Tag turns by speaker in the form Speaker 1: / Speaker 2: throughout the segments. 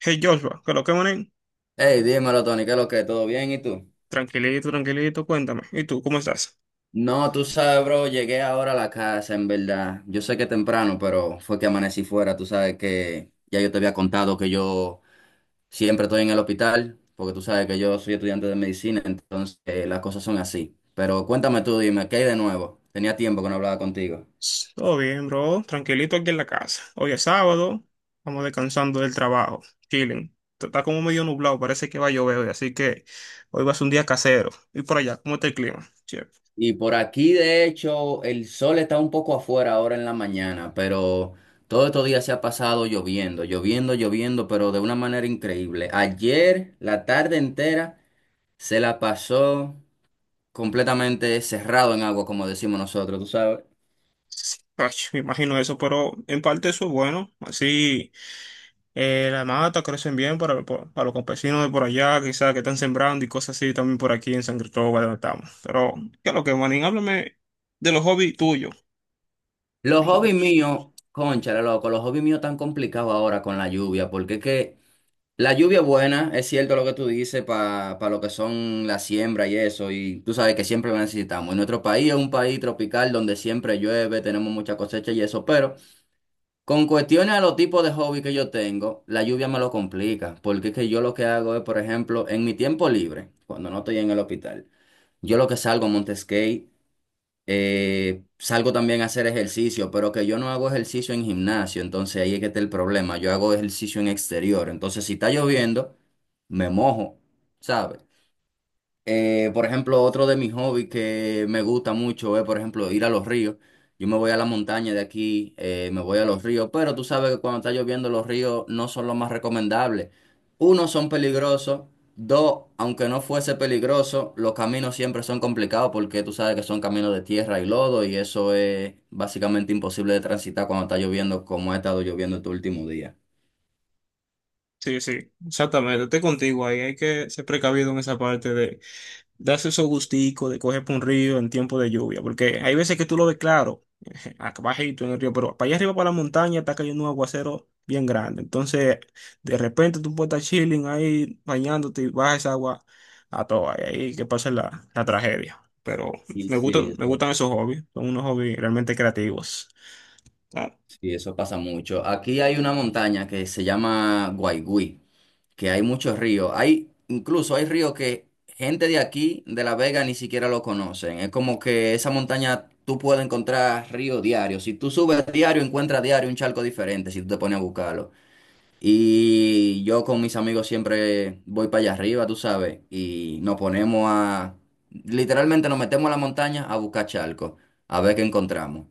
Speaker 1: Hey Joshua, ¿qué es lo que manín?
Speaker 2: Hey, dímelo, Tony, ¿qué es lo que? ¿Todo bien? ¿Y tú?
Speaker 1: Tranquilito, tranquilito, cuéntame. ¿Y tú, cómo estás?
Speaker 2: No, tú sabes, bro, llegué ahora a la casa, en verdad. Yo sé que temprano, pero fue que amanecí fuera. Tú sabes que ya yo te había contado que yo siempre estoy en el hospital, porque tú sabes que yo soy estudiante de medicina, entonces las cosas son así. Pero cuéntame tú, dime, ¿qué hay de nuevo? Tenía tiempo que no hablaba contigo.
Speaker 1: Todo bien, bro. Tranquilito aquí en la casa. Hoy es sábado, vamos descansando del trabajo, chilling. Está como medio nublado, parece que va a llover hoy, así que hoy va a ser un día casero. Y por allá, ¿cómo está el clima? Che,
Speaker 2: Y por aquí, de hecho, el sol está un poco afuera ahora en la mañana, pero todo estos días se ha pasado lloviendo, lloviendo, lloviendo, pero de una manera increíble. Ayer, la tarde entera, se la pasó completamente cerrado en agua, como decimos nosotros, tú sabes.
Speaker 1: sí, ay, me imagino eso, pero en parte eso es bueno. Así. La mata crecen bien para, para los campesinos de por allá, quizás que están sembrando y cosas así también por aquí en San Cristóbal donde estamos. Pero, ¿qué es lo que, Manín? Háblame de los hobbies tuyos.
Speaker 2: Los
Speaker 1: Tengo
Speaker 2: hobbies
Speaker 1: muchos.
Speaker 2: míos, cónchale, loco, los hobbies míos tan complicados ahora con la lluvia, porque es que. La lluvia es buena, es cierto lo que tú dices, para lo que son la siembra y eso, y tú sabes que siempre lo necesitamos. Y nuestro país es un país tropical donde siempre llueve, tenemos mucha cosecha y eso, pero con cuestiones a los tipos de hobby que yo tengo, la lluvia me lo complica, porque es que yo lo que hago es, por ejemplo, en mi tiempo libre, cuando no estoy en el hospital, yo lo que salgo a monte, salgo también a hacer ejercicio, pero que yo no hago ejercicio en gimnasio, entonces ahí es que está el problema. Yo hago ejercicio en exterior, entonces si está lloviendo, me mojo, ¿sabes? Por ejemplo, otro de mis hobbies que me gusta mucho es, por ejemplo, ir a los ríos. Yo me voy a la montaña de aquí, me voy a los ríos, pero tú sabes que cuando está lloviendo los ríos no son los más recomendables. Uno, son peligrosos. Dos, aunque no fuese peligroso, los caminos siempre son complicados porque tú sabes que son caminos de tierra y lodo y eso es básicamente imposible de transitar cuando está lloviendo como ha estado lloviendo este último día.
Speaker 1: Sí, sí, exactamente. Estoy contigo ahí. Hay que ser precavido en esa parte de, darse esos gusticos de coger por un río en tiempo de lluvia, porque hay veces que tú lo ves claro, acá bajito en el río, pero para allá arriba, para la montaña, está cayendo un aguacero bien grande. Entonces, de repente tú puedes estar chilling ahí, bañándote y baja esa agua a toa, y ahí que pasa la tragedia. Pero
Speaker 2: Y
Speaker 1: me gustan esos hobbies, son unos hobbies realmente creativos. Ah,
Speaker 2: sí, eso pasa mucho. Aquí hay una montaña que se llama Guaigüí, que hay muchos ríos. Hay, incluso hay ríos que gente de aquí, de La Vega, ni siquiera lo conocen. Es como que esa montaña tú puedes encontrar río diario. Si tú subes diario, encuentras diario un charco diferente, si tú te pones a buscarlo. Y yo con mis amigos siempre voy para allá arriba, tú sabes, y nos ponemos a, literalmente nos metemos a la montaña a buscar charcos, a ver qué encontramos.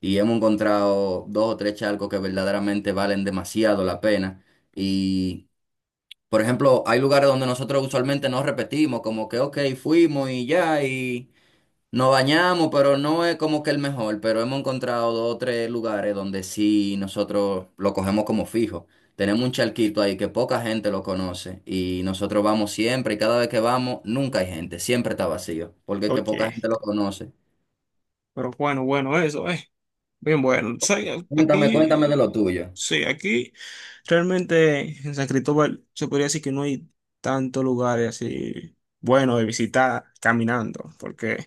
Speaker 2: Y hemos encontrado dos o tres charcos que verdaderamente valen demasiado la pena. Y por ejemplo, hay lugares donde nosotros usualmente no repetimos, como que, ok, fuimos y ya, y nos bañamos, pero no es como que el mejor, pero hemos encontrado dos o tres lugares donde sí nosotros lo cogemos como fijo. Tenemos un charquito ahí que poca gente lo conoce y nosotros vamos siempre y cada vez que vamos nunca hay gente, siempre está vacío, porque es que poca
Speaker 1: oye,
Speaker 2: gente lo conoce.
Speaker 1: pero bueno, bueno, eso, Bien, bueno, ¿sabes?
Speaker 2: Cuéntame, cuéntame
Speaker 1: Aquí,
Speaker 2: de lo tuyo.
Speaker 1: sí, aquí realmente en San Cristóbal se podría decir que no hay tantos lugares así buenos de visitar caminando, porque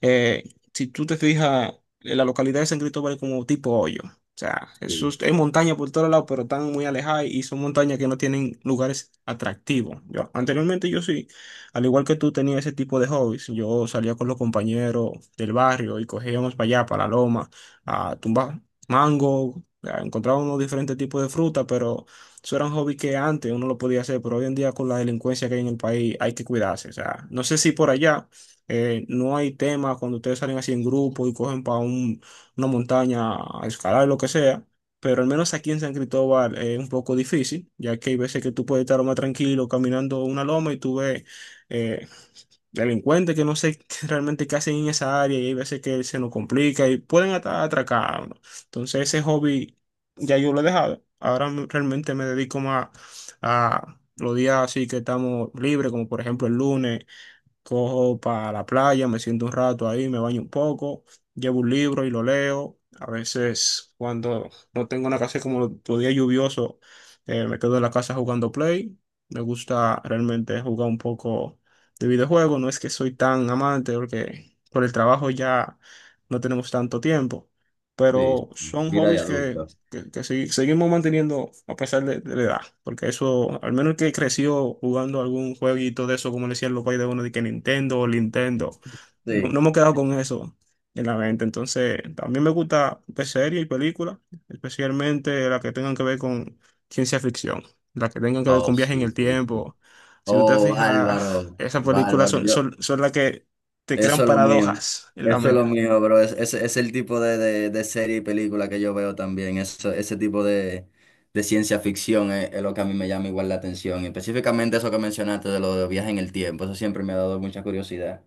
Speaker 1: eh, si tú te fijas, en la localidad de San Cristóbal es como tipo hoyo. O sea, eso
Speaker 2: Sí,
Speaker 1: es, hay montaña por todos lados, pero están muy alejadas y son montañas que no tienen lugares atractivos. Yo, anteriormente yo sí, al igual que tú tenía ese tipo de hobbies, yo salía con los compañeros del barrio y cogíamos para allá, para la loma a tumbar mango, a encontrar unos diferentes tipos de fruta, pero eso era un hobby que antes uno lo podía hacer, pero hoy en día con la delincuencia que hay en el país hay que cuidarse. O sea, no sé si por allá no hay tema cuando ustedes salen así en grupo y cogen para una montaña a escalar, lo que sea. Pero al menos aquí en San Cristóbal es un poco difícil, ya que hay veces que tú puedes estar más tranquilo caminando una loma y tú ves eh, delincuentes que no sé realmente qué hacen en esa área y hay veces que se nos complica y pueden hasta atracar a uno. Entonces ese hobby ya yo lo he dejado. Realmente me dedico más a los días así que estamos libres, como por ejemplo el lunes, cojo para la playa, me siento un rato ahí, me baño un poco, llevo un libro y lo leo. A veces cuando no tengo una casa como los días lluviosos, me quedo en la casa jugando Play. Me gusta realmente jugar un poco de videojuego. No es que soy tan amante porque por el trabajo ya no tenemos tanto tiempo,
Speaker 2: sí, sí.
Speaker 1: pero son
Speaker 2: Vida de
Speaker 1: hobbies que
Speaker 2: adulto.
Speaker 1: que, que segui- seguimos manteniendo a pesar de la edad, porque eso, al menos el que creció jugando algún jueguito de eso, como le decían los países de uno, de que Nintendo, o Nintendo, no,
Speaker 2: Sí.
Speaker 1: no hemos quedado con eso en la mente. Entonces, también me gusta ver series y películas, especialmente las que tengan que ver con ciencia ficción, las que tengan que ver
Speaker 2: Oh,
Speaker 1: con viaje en
Speaker 2: sí,
Speaker 1: el
Speaker 2: sí, sí.
Speaker 1: tiempo. Si usted
Speaker 2: Oh,
Speaker 1: fija,
Speaker 2: Álvaro,
Speaker 1: esas películas
Speaker 2: bárbaro.
Speaker 1: son,
Speaker 2: Yo.
Speaker 1: son, son las que te crean
Speaker 2: Eso es lo mío.
Speaker 1: paradojas en la
Speaker 2: Eso es lo
Speaker 1: mente.
Speaker 2: mío, bro. Es el tipo de serie y película que yo veo también. Ese tipo de ciencia ficción es lo que a mí me llama igual la atención. Y específicamente eso que mencionaste de lo de viaje en el tiempo. Eso siempre me ha dado mucha curiosidad.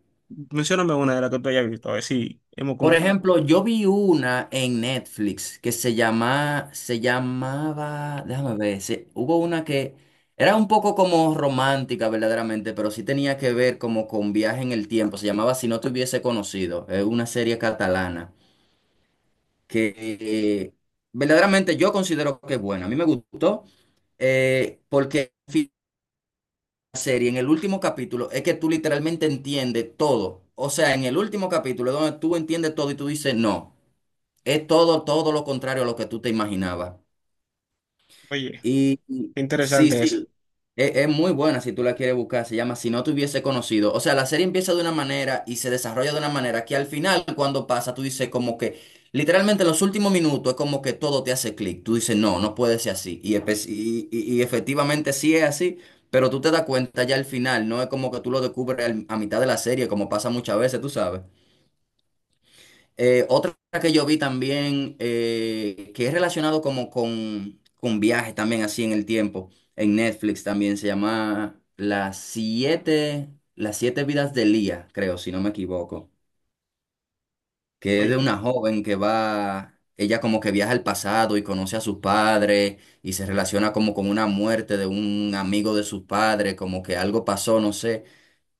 Speaker 1: Mencióname una de las que tú hayas visto, a ver si hemos...
Speaker 2: Por ejemplo, yo vi una en Netflix que se llama, se llamaba, déjame ver, hubo una que era un poco como romántica verdaderamente, pero sí tenía que ver como con viaje en el tiempo. Se llamaba Si no te hubiese conocido. Es una serie catalana que, verdaderamente yo considero que es buena. A mí me gustó, porque la serie en el último capítulo es que tú literalmente entiendes todo. O sea, en el último capítulo es donde tú entiendes todo y tú dices no. Es todo, todo lo contrario a lo que tú te imaginabas.
Speaker 1: Oye.
Speaker 2: Y
Speaker 1: Qué
Speaker 2: sí,
Speaker 1: interesante esa.
Speaker 2: sí, es muy buena si tú la quieres buscar. Se llama Si no te hubiese conocido. O sea, la serie empieza de una manera y se desarrolla de una manera que al final, cuando pasa, tú dices como que, literalmente en los últimos minutos es como que todo te hace clic. Tú dices, no, no puede ser así. Y efectivamente sí es así, pero tú te das cuenta ya al final. No es como que tú lo descubres a mitad de la serie, como pasa muchas veces, tú sabes. Otra que yo vi también, que es relacionado como con, viajes también, así en el tiempo, en Netflix también, se llama Las siete vidas de Lía, creo, si no me equivoco, que es de
Speaker 1: Oye,
Speaker 2: una joven que va, ella como que viaja al pasado y conoce a sus padres y se relaciona como con una muerte de un amigo de sus padres, como que algo pasó, no sé.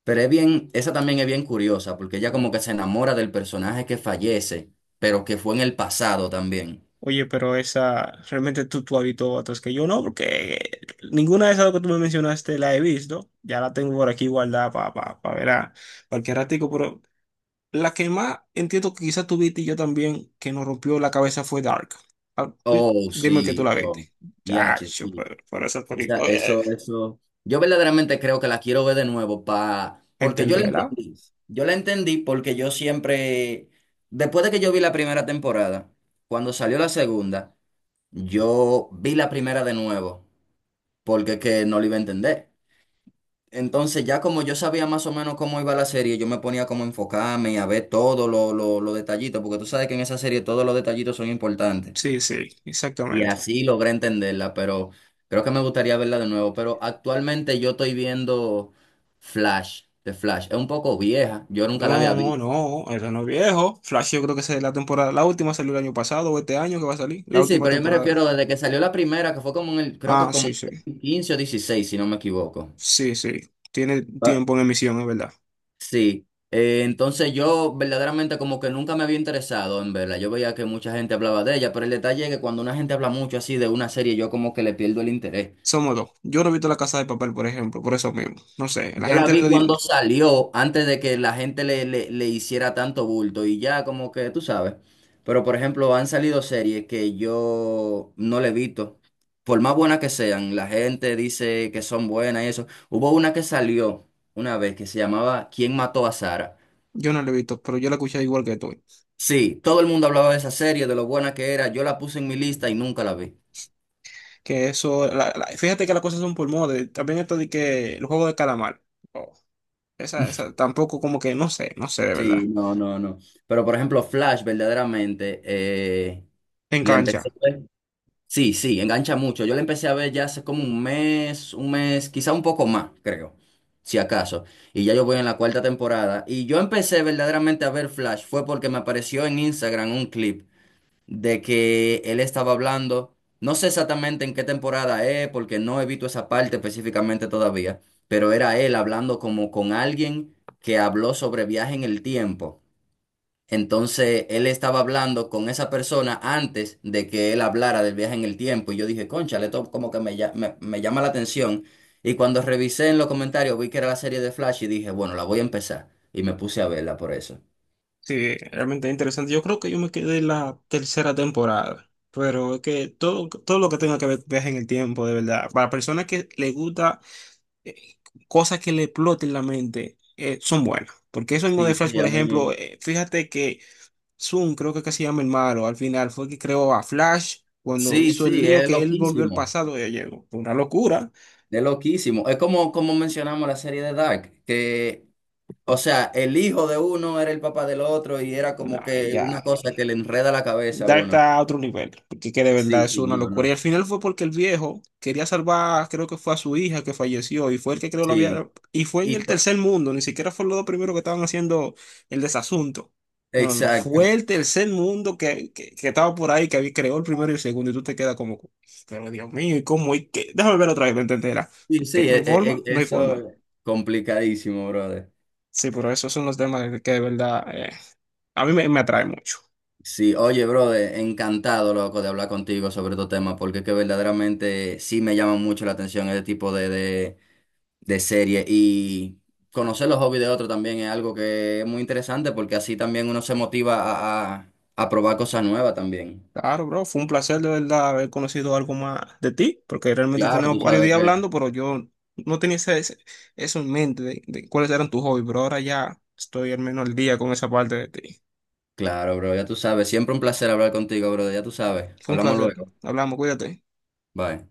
Speaker 2: Pero es bien, esa también es bien curiosa, porque ella como que se enamora del personaje que fallece, pero que fue en el pasado también.
Speaker 1: oye, pero esa realmente tú, tú habitó otras que yo no, porque ninguna de esas que tú me mencionaste la he visto. Ya la tengo por aquí guardada para pa, pa pa ver a cualquier ratico, pero la que más entiendo que quizás tú viste y yo también, que nos rompió la cabeza fue Dark. Ah,
Speaker 2: Oh,
Speaker 1: dime que tú
Speaker 2: sí,
Speaker 1: la
Speaker 2: oh,
Speaker 1: viste.
Speaker 2: diache,
Speaker 1: Chacho,
Speaker 2: sí.
Speaker 1: pero por esa
Speaker 2: Esa-
Speaker 1: película.
Speaker 2: eso, eso. Yo verdaderamente creo que la quiero ver de nuevo, pa, porque yo la
Speaker 1: ¿Entenderá?
Speaker 2: entendí. Yo la entendí porque yo siempre, después de que yo vi la primera temporada, cuando salió la segunda, yo vi la primera de nuevo, porque es que no la iba a entender. Entonces, ya como yo sabía más o menos cómo iba la serie, yo me ponía como a enfocarme y a ver todos los detallitos, porque tú sabes que en esa serie todos los detallitos son importantes.
Speaker 1: Sí, sí,
Speaker 2: Y
Speaker 1: exactamente.
Speaker 2: así logré entenderla, pero creo que me gustaría verla de nuevo. Pero actualmente yo estoy viendo Flash, de Flash. Es un poco vieja, yo nunca la había
Speaker 1: No,
Speaker 2: visto.
Speaker 1: no, eso no es viejo. Flash, yo creo que esa es la temporada. La última salió el año pasado o este año que va a salir. La
Speaker 2: Sí, sí,
Speaker 1: última
Speaker 2: pero yo me
Speaker 1: temporada.
Speaker 2: refiero desde que salió la primera, que fue como en el, creo que
Speaker 1: Ah,
Speaker 2: como
Speaker 1: sí,
Speaker 2: en
Speaker 1: sí.
Speaker 2: el 15 o 16 si no me equivoco.
Speaker 1: Sí, sí. Tiene tiempo en emisión, es verdad.
Speaker 2: Sí, entonces yo verdaderamente como que nunca me había interesado en verla. Yo veía que mucha gente hablaba de ella, pero el detalle es que cuando una gente habla mucho así de una serie, yo como que le pierdo el interés.
Speaker 1: Somos dos. Yo no he visto La Casa de Papel, por ejemplo, por eso mismo. No sé, la
Speaker 2: Yo la
Speaker 1: gente
Speaker 2: vi cuando salió, antes de que la gente le hiciera tanto bulto y ya como que tú sabes. Pero por ejemplo, han salido series que yo no le he visto. Por más buenas que sean, la gente dice que son buenas y eso. Hubo una que salió una vez que se llamaba ¿Quién mató a Sara?
Speaker 1: yo no la he visto, pero yo la escuché igual que tú.
Speaker 2: Sí, todo el mundo hablaba de esa serie, de lo buena que era. Yo la puse en mi lista y nunca la vi.
Speaker 1: Que eso, fíjate que las cosas son por moda. También esto de que el juego de calamar. Oh, esa tampoco como que no sé, no sé de verdad.
Speaker 2: Sí, no, no, no. Pero por ejemplo, Flash, verdaderamente, le
Speaker 1: Engancha.
Speaker 2: empecé a ver. Sí, sí, engancha mucho. Yo le empecé a ver ya hace como un mes, quizá un poco más, creo, si acaso. Y ya yo voy en la cuarta temporada. Y yo empecé verdaderamente a ver Flash, fue porque me apareció en Instagram un clip de que él estaba hablando, no sé exactamente en qué temporada es, porque no evito esa parte específicamente todavía, pero era él hablando como con alguien que habló sobre viaje en el tiempo. Entonces él estaba hablando con esa persona antes de que él hablara del viaje en el tiempo y yo dije, cónchale, esto como que me llama la atención. Y cuando revisé en los comentarios vi que era la serie de Flash y dije, bueno, la voy a empezar. Y me puse a verla por eso.
Speaker 1: Sí, realmente interesante. Yo creo que yo me quedé en la tercera temporada. Pero es que todo, todo lo que tenga que ver viaje en el tiempo, de verdad. Para personas que les gusta eh, cosas que le exploten la mente, son buenas. Porque eso mismo de
Speaker 2: Sí,
Speaker 1: Flash,
Speaker 2: sí,
Speaker 1: por
Speaker 2: a
Speaker 1: ejemplo,
Speaker 2: mí.
Speaker 1: fíjate que Zoom, creo que se llama el malo, al final fue el que creó a Flash cuando
Speaker 2: Sí,
Speaker 1: hizo el
Speaker 2: sí,
Speaker 1: lío
Speaker 2: es
Speaker 1: que él volvió al
Speaker 2: loquísimo.
Speaker 1: pasado, ya llegó. Fue una locura.
Speaker 2: Es loquísimo. Es como mencionamos la serie de Dark, que, o sea, el hijo de uno era el papá del otro y era
Speaker 1: No,
Speaker 2: como que una
Speaker 1: ya.
Speaker 2: cosa que le enreda la cabeza a
Speaker 1: Dark
Speaker 2: uno.
Speaker 1: está a otro nivel, porque que de
Speaker 2: Sí,
Speaker 1: verdad es
Speaker 2: sí,
Speaker 1: una
Speaker 2: no,
Speaker 1: locura. Y
Speaker 2: no.
Speaker 1: al final fue porque el viejo quería salvar, creo que fue a su hija que falleció, y fue el que creo la
Speaker 2: Sí,
Speaker 1: había, y fue en
Speaker 2: y
Speaker 1: el
Speaker 2: to-
Speaker 1: tercer mundo, ni siquiera fue los dos primeros que estaban haciendo el desasunto. No, no, no,
Speaker 2: exacto.
Speaker 1: fue el tercer mundo que estaba por ahí, que había creó el primero y el segundo, y tú te quedas como, pero Dios mío, ¿y cómo? ¿Y qué? Déjame ver otra vez, ¿me entenderás?
Speaker 2: Sí, sí,
Speaker 1: Porque no hay forma, no hay
Speaker 2: eso
Speaker 1: forma.
Speaker 2: es complicadísimo, brother.
Speaker 1: Sí, pero esos son los temas que de verdad a mí me, me atrae mucho.
Speaker 2: Sí, oye, brother, encantado, loco, de hablar contigo sobre estos temas, porque es que verdaderamente sí me llama mucho la atención este tipo de, de serie y conocer los hobbies de otro también es algo que es muy interesante porque así también uno se motiva a probar cosas nuevas también.
Speaker 1: Claro, bro, fue un placer de verdad haber conocido algo más de ti, porque realmente
Speaker 2: Claro,
Speaker 1: tenemos
Speaker 2: tú
Speaker 1: varios
Speaker 2: sabes
Speaker 1: días
Speaker 2: que.
Speaker 1: hablando, pero yo no tenía eso en mente de cuáles eran tus hobbies, pero ahora ya estoy al menos al día con esa parte de ti.
Speaker 2: Claro, bro, ya tú sabes. Siempre un placer hablar contigo, bro, ya tú sabes.
Speaker 1: Fue un
Speaker 2: Hablamos
Speaker 1: placer.
Speaker 2: luego.
Speaker 1: Hablamos, cuídate.
Speaker 2: Bye.